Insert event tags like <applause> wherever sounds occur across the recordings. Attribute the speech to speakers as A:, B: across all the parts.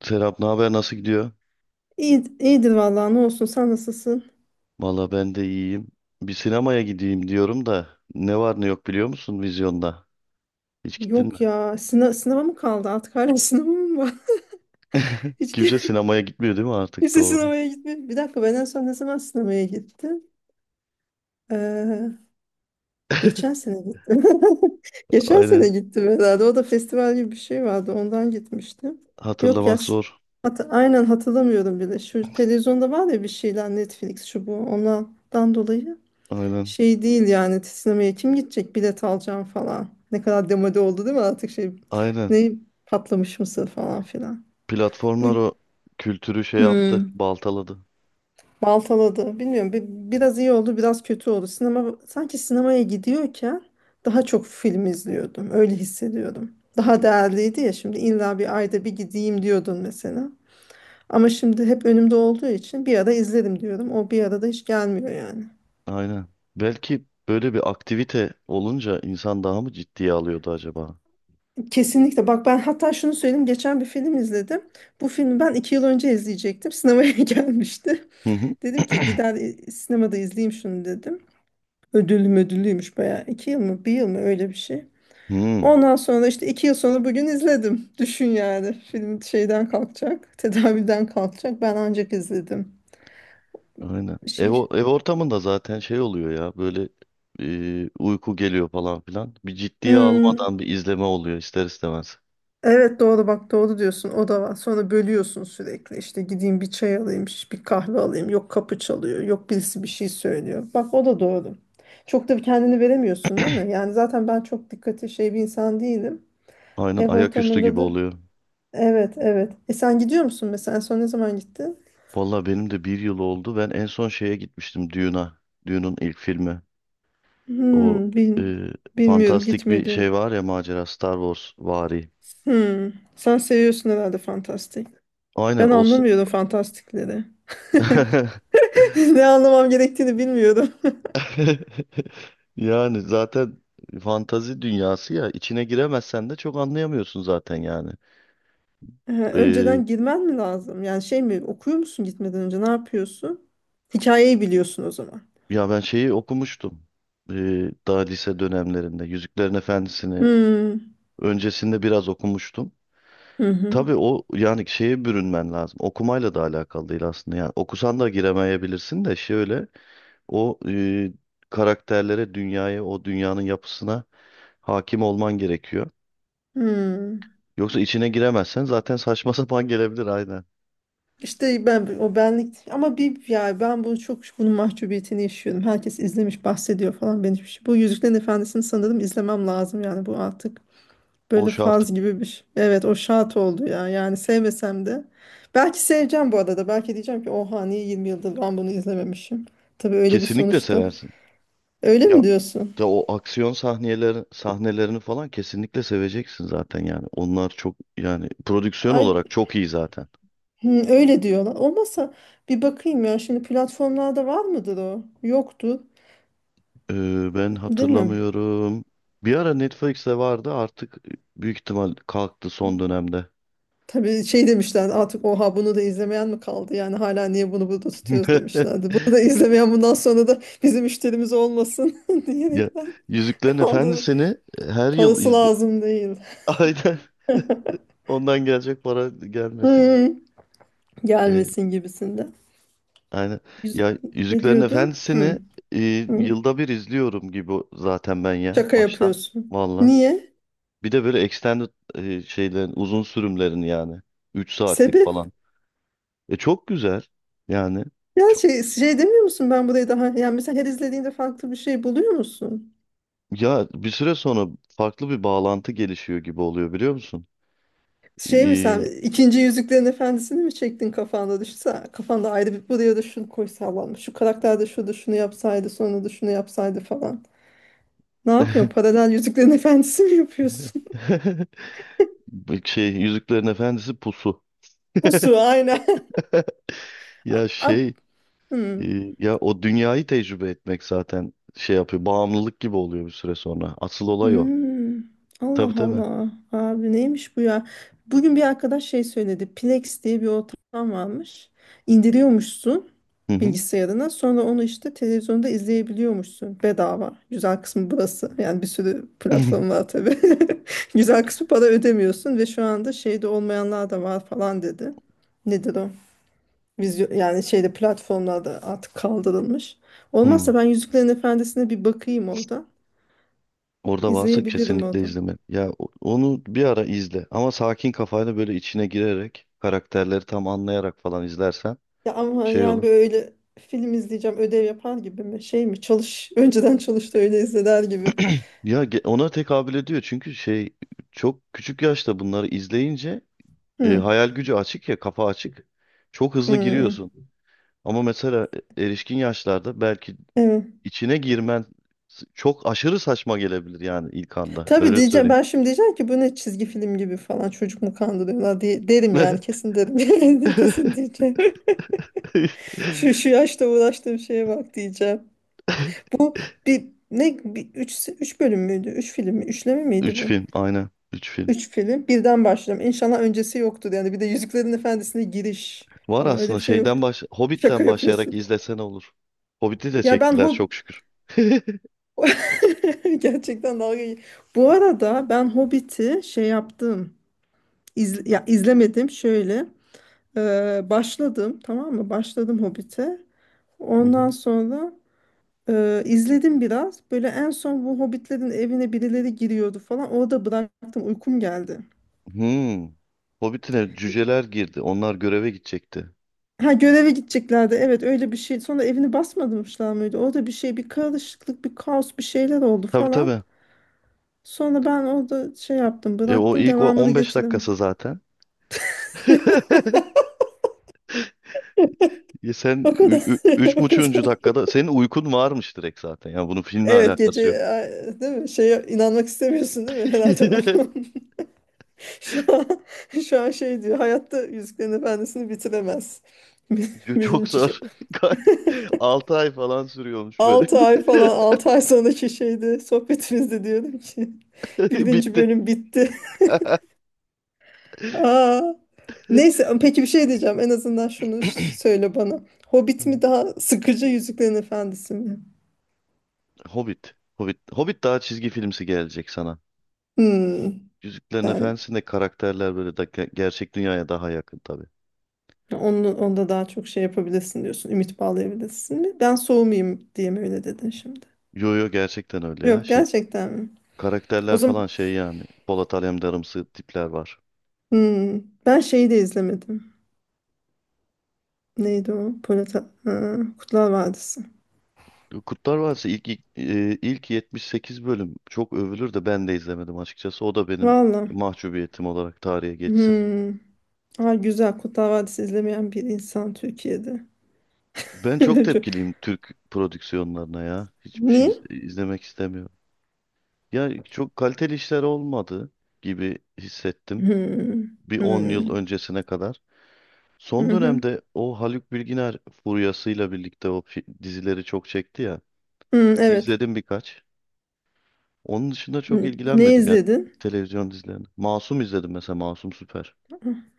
A: Serap, ne haber, nasıl gidiyor?
B: İyi, iyidir vallahi, ne olsun, sen nasılsın?
A: Valla ben de iyiyim. Bir sinemaya gideyim diyorum da, ne var ne yok biliyor musun vizyonda? Hiç gittin mi?
B: Yok ya, sınav, sınava mı kaldı artık hala <laughs> sınavı mı var?
A: <laughs>
B: <laughs> Hiç
A: Kimse
B: kim-
A: sinemaya gitmiyor, değil mi artık?
B: Kimse
A: Doğru?
B: sınavaya gitmiyor. Bir dakika, ben en son ne zaman sınavaya gittim? Ee,
A: <laughs>
B: Geçen sene gittim. <laughs> Geçen
A: Aynen.
B: sene gittim herhalde. O da festival gibi bir şey vardı, ondan gitmiştim. Yok ya
A: Hatırlamak
B: s-
A: zor.
B: hat- Aynen hatırlamıyorum bile. Şu televizyonda var ya bir şeyler, Netflix şu bu, onlardan dolayı.
A: Aynen.
B: Şey değil yani, sinemaya kim gidecek, bilet alacağım falan. Ne kadar demode oldu değil mi artık, şey,
A: Aynen.
B: ne, patlamış mısır falan filan. Bu
A: Platformlar
B: <clears throat>
A: o kültürü şey yaptı,
B: hmm,
A: baltaladı.
B: baltaladı bilmiyorum, biraz iyi oldu, biraz kötü oldu. Sinema sanki, sinemaya gidiyorken daha çok film izliyordum, öyle hissediyordum. Daha değerliydi ya, şimdi illa bir ayda bir gideyim diyordun mesela. Ama şimdi hep önümde olduğu için bir ara izlerim diyorum. O bir arada hiç gelmiyor yani.
A: Aynen. Belki böyle bir aktivite olunca insan daha mı ciddiye alıyordu acaba?
B: Kesinlikle. Bak ben hatta şunu söyleyeyim. Geçen bir film izledim. Bu filmi ben iki yıl önce izleyecektim. Sinemaya <laughs> gelmişti.
A: Hı hı.
B: Dedim ki
A: <clears throat>
B: gider sinemada izleyeyim şunu, dedim. Ödüllüymüş bayağı. İki yıl mı bir yıl mı öyle bir şey.
A: Hmm.
B: Ondan sonra işte iki yıl sonra bugün izledim. Düşün yani. Film şeyden kalkacak. Tedaviden kalkacak. Ben ancak izledim.
A: Aynen. Ev,
B: Şey.
A: o- ev ortamında zaten şey oluyor ya böyle, uyku geliyor falan filan. Bir ciddiye
B: Hmm.
A: almadan bir izleme oluyor ister istemez.
B: Evet doğru, bak doğru diyorsun, o da var. Sonra bölüyorsun sürekli, işte gideyim bir çay alayım, şş, bir kahve alayım, yok kapı çalıyor, yok birisi bir şey söylüyor. Bak o da doğru. Çok da kendini veremiyorsun değil mi? Yani zaten ben çok dikkatli şey bir insan değilim.
A: Aynen,
B: Ev
A: ayaküstü
B: ortamında
A: gibi
B: da
A: oluyor.
B: evet, evet. E sen gidiyor musun mesela, en son ne zaman gittin?
A: Vallahi benim de bir yıl oldu. Ben en son şeye gitmiştim, Dune'a. Dune'un ilk filmi. O,
B: Hmm,
A: e,
B: bilmiyorum,
A: fantastik bir şey
B: gitmedim.
A: var ya, macera, Star Wars vari.
B: Hmm, sen seviyorsun herhalde fantastik.
A: Aynen
B: Ben
A: o s-
B: anlamıyorum fantastikleri. <laughs>
A: <laughs>
B: Ne anlamam gerektiğini bilmiyorum.
A: Yani zaten fantazi dünyası ya, içine giremezsen de çok anlayamıyorsun zaten yani.
B: Önceden girmen mi lazım? Yani şey mi, okuyor musun gitmeden önce, ne yapıyorsun? Hikayeyi biliyorsun o zaman.
A: Ya ben şeyi okumuştum. Ee, daha lise dönemlerinde Yüzüklerin Efendisi'ni
B: Hmm.
A: öncesinde biraz okumuştum.
B: Hı hı.
A: Tabii, o yani şeye bürünmen lazım. Okumayla da alakalı değil aslında. Yani okusan da giremeyebilirsin de, şöyle o karakterlere, dünyaya, o dünyanın yapısına hakim olman gerekiyor.
B: Hmm.
A: Yoksa içine giremezsen zaten saçma <laughs> sapan gelebilir, aynen.
B: İşte ben o benlik ama, bir ya, ben bunu çok, bunun mahcubiyetini yaşıyorum. Herkes izlemiş bahsediyor falan, ben hiçbir şey. Bu Yüzüklerin Efendisi'ni sanırım izlemem lazım, yani bu artık
A: O
B: böyle
A: şart.
B: faz gibi bir şey. Evet o şart oldu ya, yani sevmesem de. Belki seveceğim bu arada, belki diyeceğim ki oha, niye 20 yıldır ben bunu izlememişim. Tabii öyle, bir
A: Kesinlikle
B: sonuçta.
A: seversin.
B: Öyle
A: Ya,
B: mi diyorsun?
A: de o aksiyon sahnelerini falan kesinlikle seveceksin zaten yani. Onlar çok yani prodüksiyon
B: Ay,
A: olarak çok iyi zaten.
B: hı, öyle diyorlar. Olmazsa bir bakayım ya. Şimdi platformlarda var mıdır o? Yoktu,
A: Ben
B: değil mi?
A: hatırlamıyorum. Bir ara Netflix'te vardı, artık büyük ihtimal kalktı son dönemde.
B: Tabii şey demişler artık, oha bunu da izlemeyen mi kaldı? Yani hala niye bunu burada tutuyoruz
A: <laughs>
B: demişlerdi. Bunu da izlemeyen bundan sonra da bizim müşterimiz olmasın <laughs>
A: Ya
B: diyerekten
A: Yüzüklerin
B: kaldı.
A: Efendisi'ni, her yıl
B: Parası
A: izle.
B: lazım değil.
A: <laughs> Aynen. Ondan gelecek para gelmesin.
B: Hı,
A: Ee,
B: gelmesin gibisinde.
A: aynen.
B: Yüz-
A: Ya
B: Ne
A: Yüzüklerin
B: diyordun? Hı,
A: Efendisi'ni, e,
B: hı.
A: yılda bir izliyorum gibi zaten ben ya,
B: Şaka
A: baştan.
B: yapıyorsun.
A: Valla.
B: Niye?
A: Bir de böyle extended şeylerin, uzun sürümlerin yani, 3 saatlik
B: Sebep?
A: falan. E çok güzel yani.
B: Ya
A: Çok,
B: şey demiyor musun, ben burayı daha, yani mesela her izlediğinde farklı bir şey buluyor musun?
A: ya bir süre sonra farklı bir bağlantı gelişiyor gibi oluyor, biliyor musun?
B: Şey mi, sen
A: Ee,
B: ikinci Yüzüklerin Efendisi'ni mi çektin kafanda, düşünse kafanda ayrı bir, buraya da şunu koysalarmış, şu karakter de şurada şunu yapsaydı, sonra da şunu yapsaydı falan. Ne yapıyorsun, paralel Yüzüklerin Efendisi mi yapıyorsun?
A: <laughs> bu şey Yüzüklerin Efendisi pusu.
B: <laughs> Bu su aynen.
A: <laughs>
B: <laughs> A-
A: Ya
B: a-
A: şey,
B: hmm.
A: e, ya o dünyayı tecrübe etmek zaten şey yapıyor. Bağımlılık gibi oluyor bir süre sonra. Asıl olay o.
B: Hmm.
A: Tabii
B: Allah
A: tabii.
B: Allah abi, neymiş bu ya? Bugün bir arkadaş şey söyledi, Plex diye bir ortam varmış. İndiriyormuşsun
A: Hı hı.
B: bilgisayarına. Sonra onu işte televizyonda izleyebiliyormuşsun, bedava. Güzel kısmı burası. Yani bir sürü platform var tabii. <laughs> Güzel kısmı para ödemiyorsun, ve şu anda şeyde olmayanlar da var falan dedi. Nedir o? Vizyo, yani şeyde, platformlarda artık kaldırılmış.
A: <laughs> Hı.
B: Olmazsa ben Yüzüklerin Efendisi'ne bir bakayım orada.
A: Orada varsa
B: İzleyebilirim
A: kesinlikle
B: orada.
A: izleme. Ya onu bir ara izle, ama sakin kafayla böyle içine girerek, karakterleri tam anlayarak falan izlersen
B: Ya ama
A: şey
B: yani,
A: olur.
B: böyle film izleyeceğim, ödev yapar gibi mi? Şey mi? Çalış. Önceden çalış da öyle izler gibi.
A: <clears throat> Ya ona tekabül ediyor çünkü şey, çok küçük yaşta bunları izleyince,
B: Hı.
A: hayal gücü açık ya, kafa açık. Çok hızlı
B: Hı.
A: giriyorsun. Ama mesela erişkin yaşlarda belki
B: Evet.
A: içine girmen çok aşırı saçma gelebilir yani ilk anda.
B: Tabii
A: Öyle
B: diyeceğim,
A: söyleyeyim.
B: ben şimdi diyeceğim ki bu ne, çizgi film gibi falan, çocuk mu kandırıyorlar diye derim yani,
A: <laughs>
B: kesin derim <laughs> kesin diyeceğim. <laughs>
A: İşte.
B: Şu şu yaşta uğraştığım şeye bak diyeceğim. Bu bir ne bir, üç, üç bölüm müydü? Üç film mi? Üçleme miydi
A: Üç
B: bu?
A: film aynen. Üç film.
B: Üç film. Birden başlayacağım. İnşallah öncesi yoktur yani. Bir de Yüzüklerin Efendisi'ne giriş
A: Var
B: falan öyle
A: aslında
B: bir şey
A: şeyden,
B: yoktu. Şaka
A: Hobbit'ten başlayarak
B: yapıyorsun.
A: izlesene olur. Hobbit'i de
B: Ya ben
A: çektiler
B: Hob
A: çok şükür. <laughs>
B: <laughs> gerçekten dalga geç- Bu arada ben Hobbit'i şey yaptım. Ya izlemedim şöyle. Başladım, tamam mı? Başladım Hobbit'e.
A: Hı
B: Ondan
A: hı.
B: sonra izledim biraz. Böyle en son bu Hobbitlerin evine birileri giriyordu falan. Orada bıraktım. Uykum geldi.
A: Hmm. Hobbit'ine cüceler girdi. Onlar göreve gidecekti.
B: Ha göreve gideceklerdi. Evet öyle bir şey. Sonra evini basmadımışlar mıydı? Orada bir şey, bir karışıklık, bir kaos, bir şeyler oldu
A: Tabii
B: falan.
A: tabii.
B: Sonra ben orada şey yaptım,
A: E, o
B: bıraktım,
A: ilk o
B: devamını
A: 15 dakikası
B: getiremedim.
A: zaten. <laughs> E,
B: O kadar. <laughs> O
A: 3,5.
B: kadar.
A: Dakikada senin uykun varmış direkt zaten. Yani bunun filmle
B: Evet
A: alakası yok.
B: gece ay, değil mi? Şeye inanmak istemiyorsun değil mi? Herhalde o.
A: <laughs>
B: <laughs> Şu an, <laughs> şu an şey diyor. Hayatta Yüzüklerin Efendisi'ni bitiremez. <laughs>
A: Yo,
B: Benim
A: çok
B: için şey.
A: zor. <laughs> 6 ay falan sürüyormuş böyle.
B: Ay falan, 6 ay sonraki şeyde, sohbetimizde diyordum ki <laughs>
A: <laughs>
B: birinci
A: Bitti.
B: bölüm bitti. <laughs> Aa. Neyse, peki bir şey diyeceğim. En azından şunu söyle bana. Hobbit
A: <laughs>
B: mi
A: <clears throat>
B: daha sıkıcı, Yüzüklerin Efendisi mi?
A: Hobbit. Hobbit. Hobbit daha çizgi filmsi gelecek sana.
B: Hmm.
A: Yüzüklerin
B: Yani
A: Efendisi'nde karakterler böyle da gerçek dünyaya daha yakın tabii.
B: onda daha çok şey yapabilirsin diyorsun. Ümit bağlayabilirsin mi? Ben soğumayayım diye mi öyle dedin şimdi?
A: Yo yo gerçekten öyle ya.
B: Yok,
A: Şey
B: gerçekten mi? O
A: karakterler
B: zaman
A: falan şey yani. Polat Alemdarımsı tipler var.
B: hmm, ben şeyi de izlemedim. Neydi o? Polat, ha, Kurtlar Vadisi.
A: Kurtlar Vadisi ilk 78 bölüm çok övülür de ben de izlemedim açıkçası. O da benim
B: Valla.
A: mahcubiyetim olarak tarihe geçsin.
B: Hmm. Aa, güzel. Kurtlar Vadisi izlemeyen bir insan Türkiye'de.
A: Ben çok
B: <laughs> Çok-
A: tepkiliyim Türk prodüksiyonlarına ya. Hiçbir şey
B: Niye?
A: izlemek istemiyorum. Ya çok kaliteli işler olmadı gibi hissettim,
B: Hmm.
A: bir 10 yıl
B: Hmm.
A: öncesine kadar.
B: Hı
A: Son
B: hı.
A: dönemde o Haluk Bilginer furyasıyla birlikte o dizileri çok çekti ya.
B: Hmm, evet.
A: İzledim birkaç. Onun dışında çok
B: Hmm, ne
A: ilgilenmedim ya
B: izledin?
A: televizyon dizilerini. Masum izledim mesela, Masum Süper.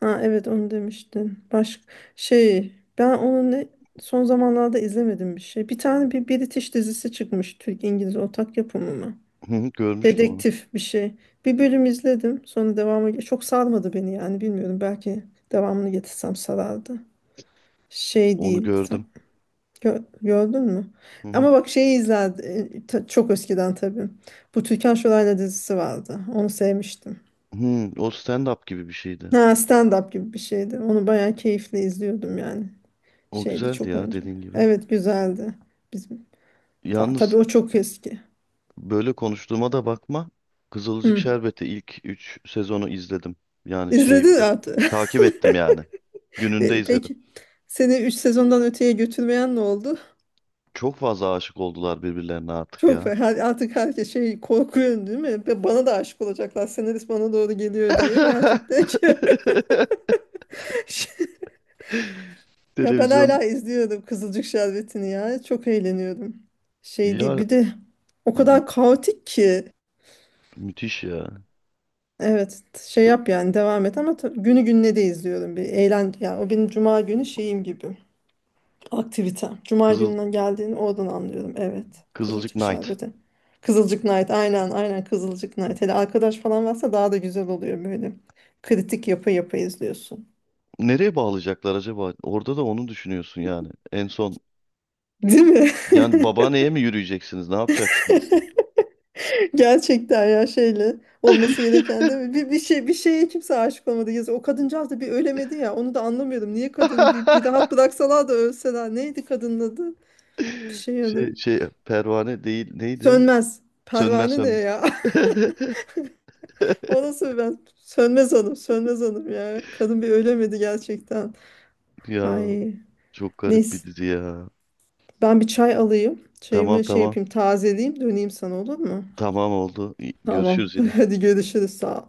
B: Ha, evet onu demiştin. Başka şey. Ben onu ne Son zamanlarda izlemedim bir şey. Bir tane bir British dizisi çıkmış. Türk-İngiliz ortak yapımı mı?
A: Hı hı, görmüştüm onu.
B: Dedektif bir şey. Bir bölüm izledim. Sonra devamı çok sarmadı beni, yani bilmiyorum. Belki devamını getirsem sarardı. Şey
A: Onu
B: değil. Sen
A: gördüm.
B: gördün mü?
A: Hı hı.
B: Ama bak şeyi izlerdim. Çok eskiden tabii. Bu Türkan Şoray'la dizisi vardı. Onu sevmiştim.
A: Hı, o stand-up gibi bir şeydi.
B: Ha, stand-up gibi bir şeydi. Onu bayağı keyifle izliyordum yani.
A: O
B: Şeydi
A: güzeldi
B: çok
A: ya,
B: önce.
A: dediğin gibi.
B: Evet güzeldi. Bizim
A: Yalnız
B: tabii o çok eski.
A: böyle konuştuğuma da bakma. Kızılcık
B: Hı.
A: Şerbeti ilk 3 sezonu izledim. Yani şey
B: İzledin
A: bir de.
B: artık. <laughs>
A: Takip ettim yani. Gününde
B: E,
A: izledim.
B: peki. Seni 3 sezondan öteye götürmeyen ne oldu?
A: Çok fazla aşık oldular birbirlerine artık ya.
B: Her, artık herkes şey, korkuyor değil mi? Ve bana da aşık olacaklar. Senarist bana doğru geliyor diye. Gerçekten ki.
A: <laughs>
B: <laughs> Ya ben
A: Televizyon
B: hala izliyorum Kızılcık Şerbeti'ni ya. Çok eğleniyorum. Şey değil.
A: ya,
B: Bir de o
A: mü-
B: kadar kaotik ki.
A: müthiş ya.
B: Evet şey yap yani, devam et, ama günü gününe de izliyorum. Bir eğlen ya, o benim cuma günü şeyim gibi. Aktivite. Cuma
A: Kızıl
B: gününden geldiğini oradan anlıyorum. Evet.
A: Kızılcık
B: Kızılcık
A: Knight.
B: şerbeti. Kızılcık Night. Aynen, aynen, Kızılcık Night. Hele arkadaş falan varsa daha da güzel oluyor böyle. Kritik yapı yapı izliyorsun.
A: Nereye bağlayacaklar acaba? Orada da onu düşünüyorsun yani. En son
B: Değil mi?
A: yani babaanneye mi yürüyeceksiniz? Ne yapacaksınız?
B: <laughs> Gerçekten ya, şeyle olması gereken değil mi?
A: <laughs>
B: Bir şey, bir şeye kimse aşık olmadı. Yazı. O kadıncağız da bir ölemedi ya. Onu da anlamıyorum. Niye kadını bir rahat bıraksalar da ölseler. Neydi kadının adı? Bir şey adı.
A: Şey pervane değil, neydi?
B: Sönmez.
A: Sönmez,
B: Pervane ne
A: Sönmez.
B: ya? <laughs>
A: <laughs>
B: O nasıl ben? Sönmez hanım, sönmez hanım ya. Kadın bir ölemedi gerçekten.
A: Ya
B: Ay
A: çok garip bir
B: neyse.
A: dizi ya.
B: Ben bir çay alayım.
A: Tamam,
B: Çayımı şey
A: tamam.
B: yapayım, tazeleyeyim, döneyim sana, olur mu?
A: Tamam oldu. İyi,
B: Tamam.
A: görüşürüz yine.
B: <laughs> Hadi görüşürüz. Sağ ol.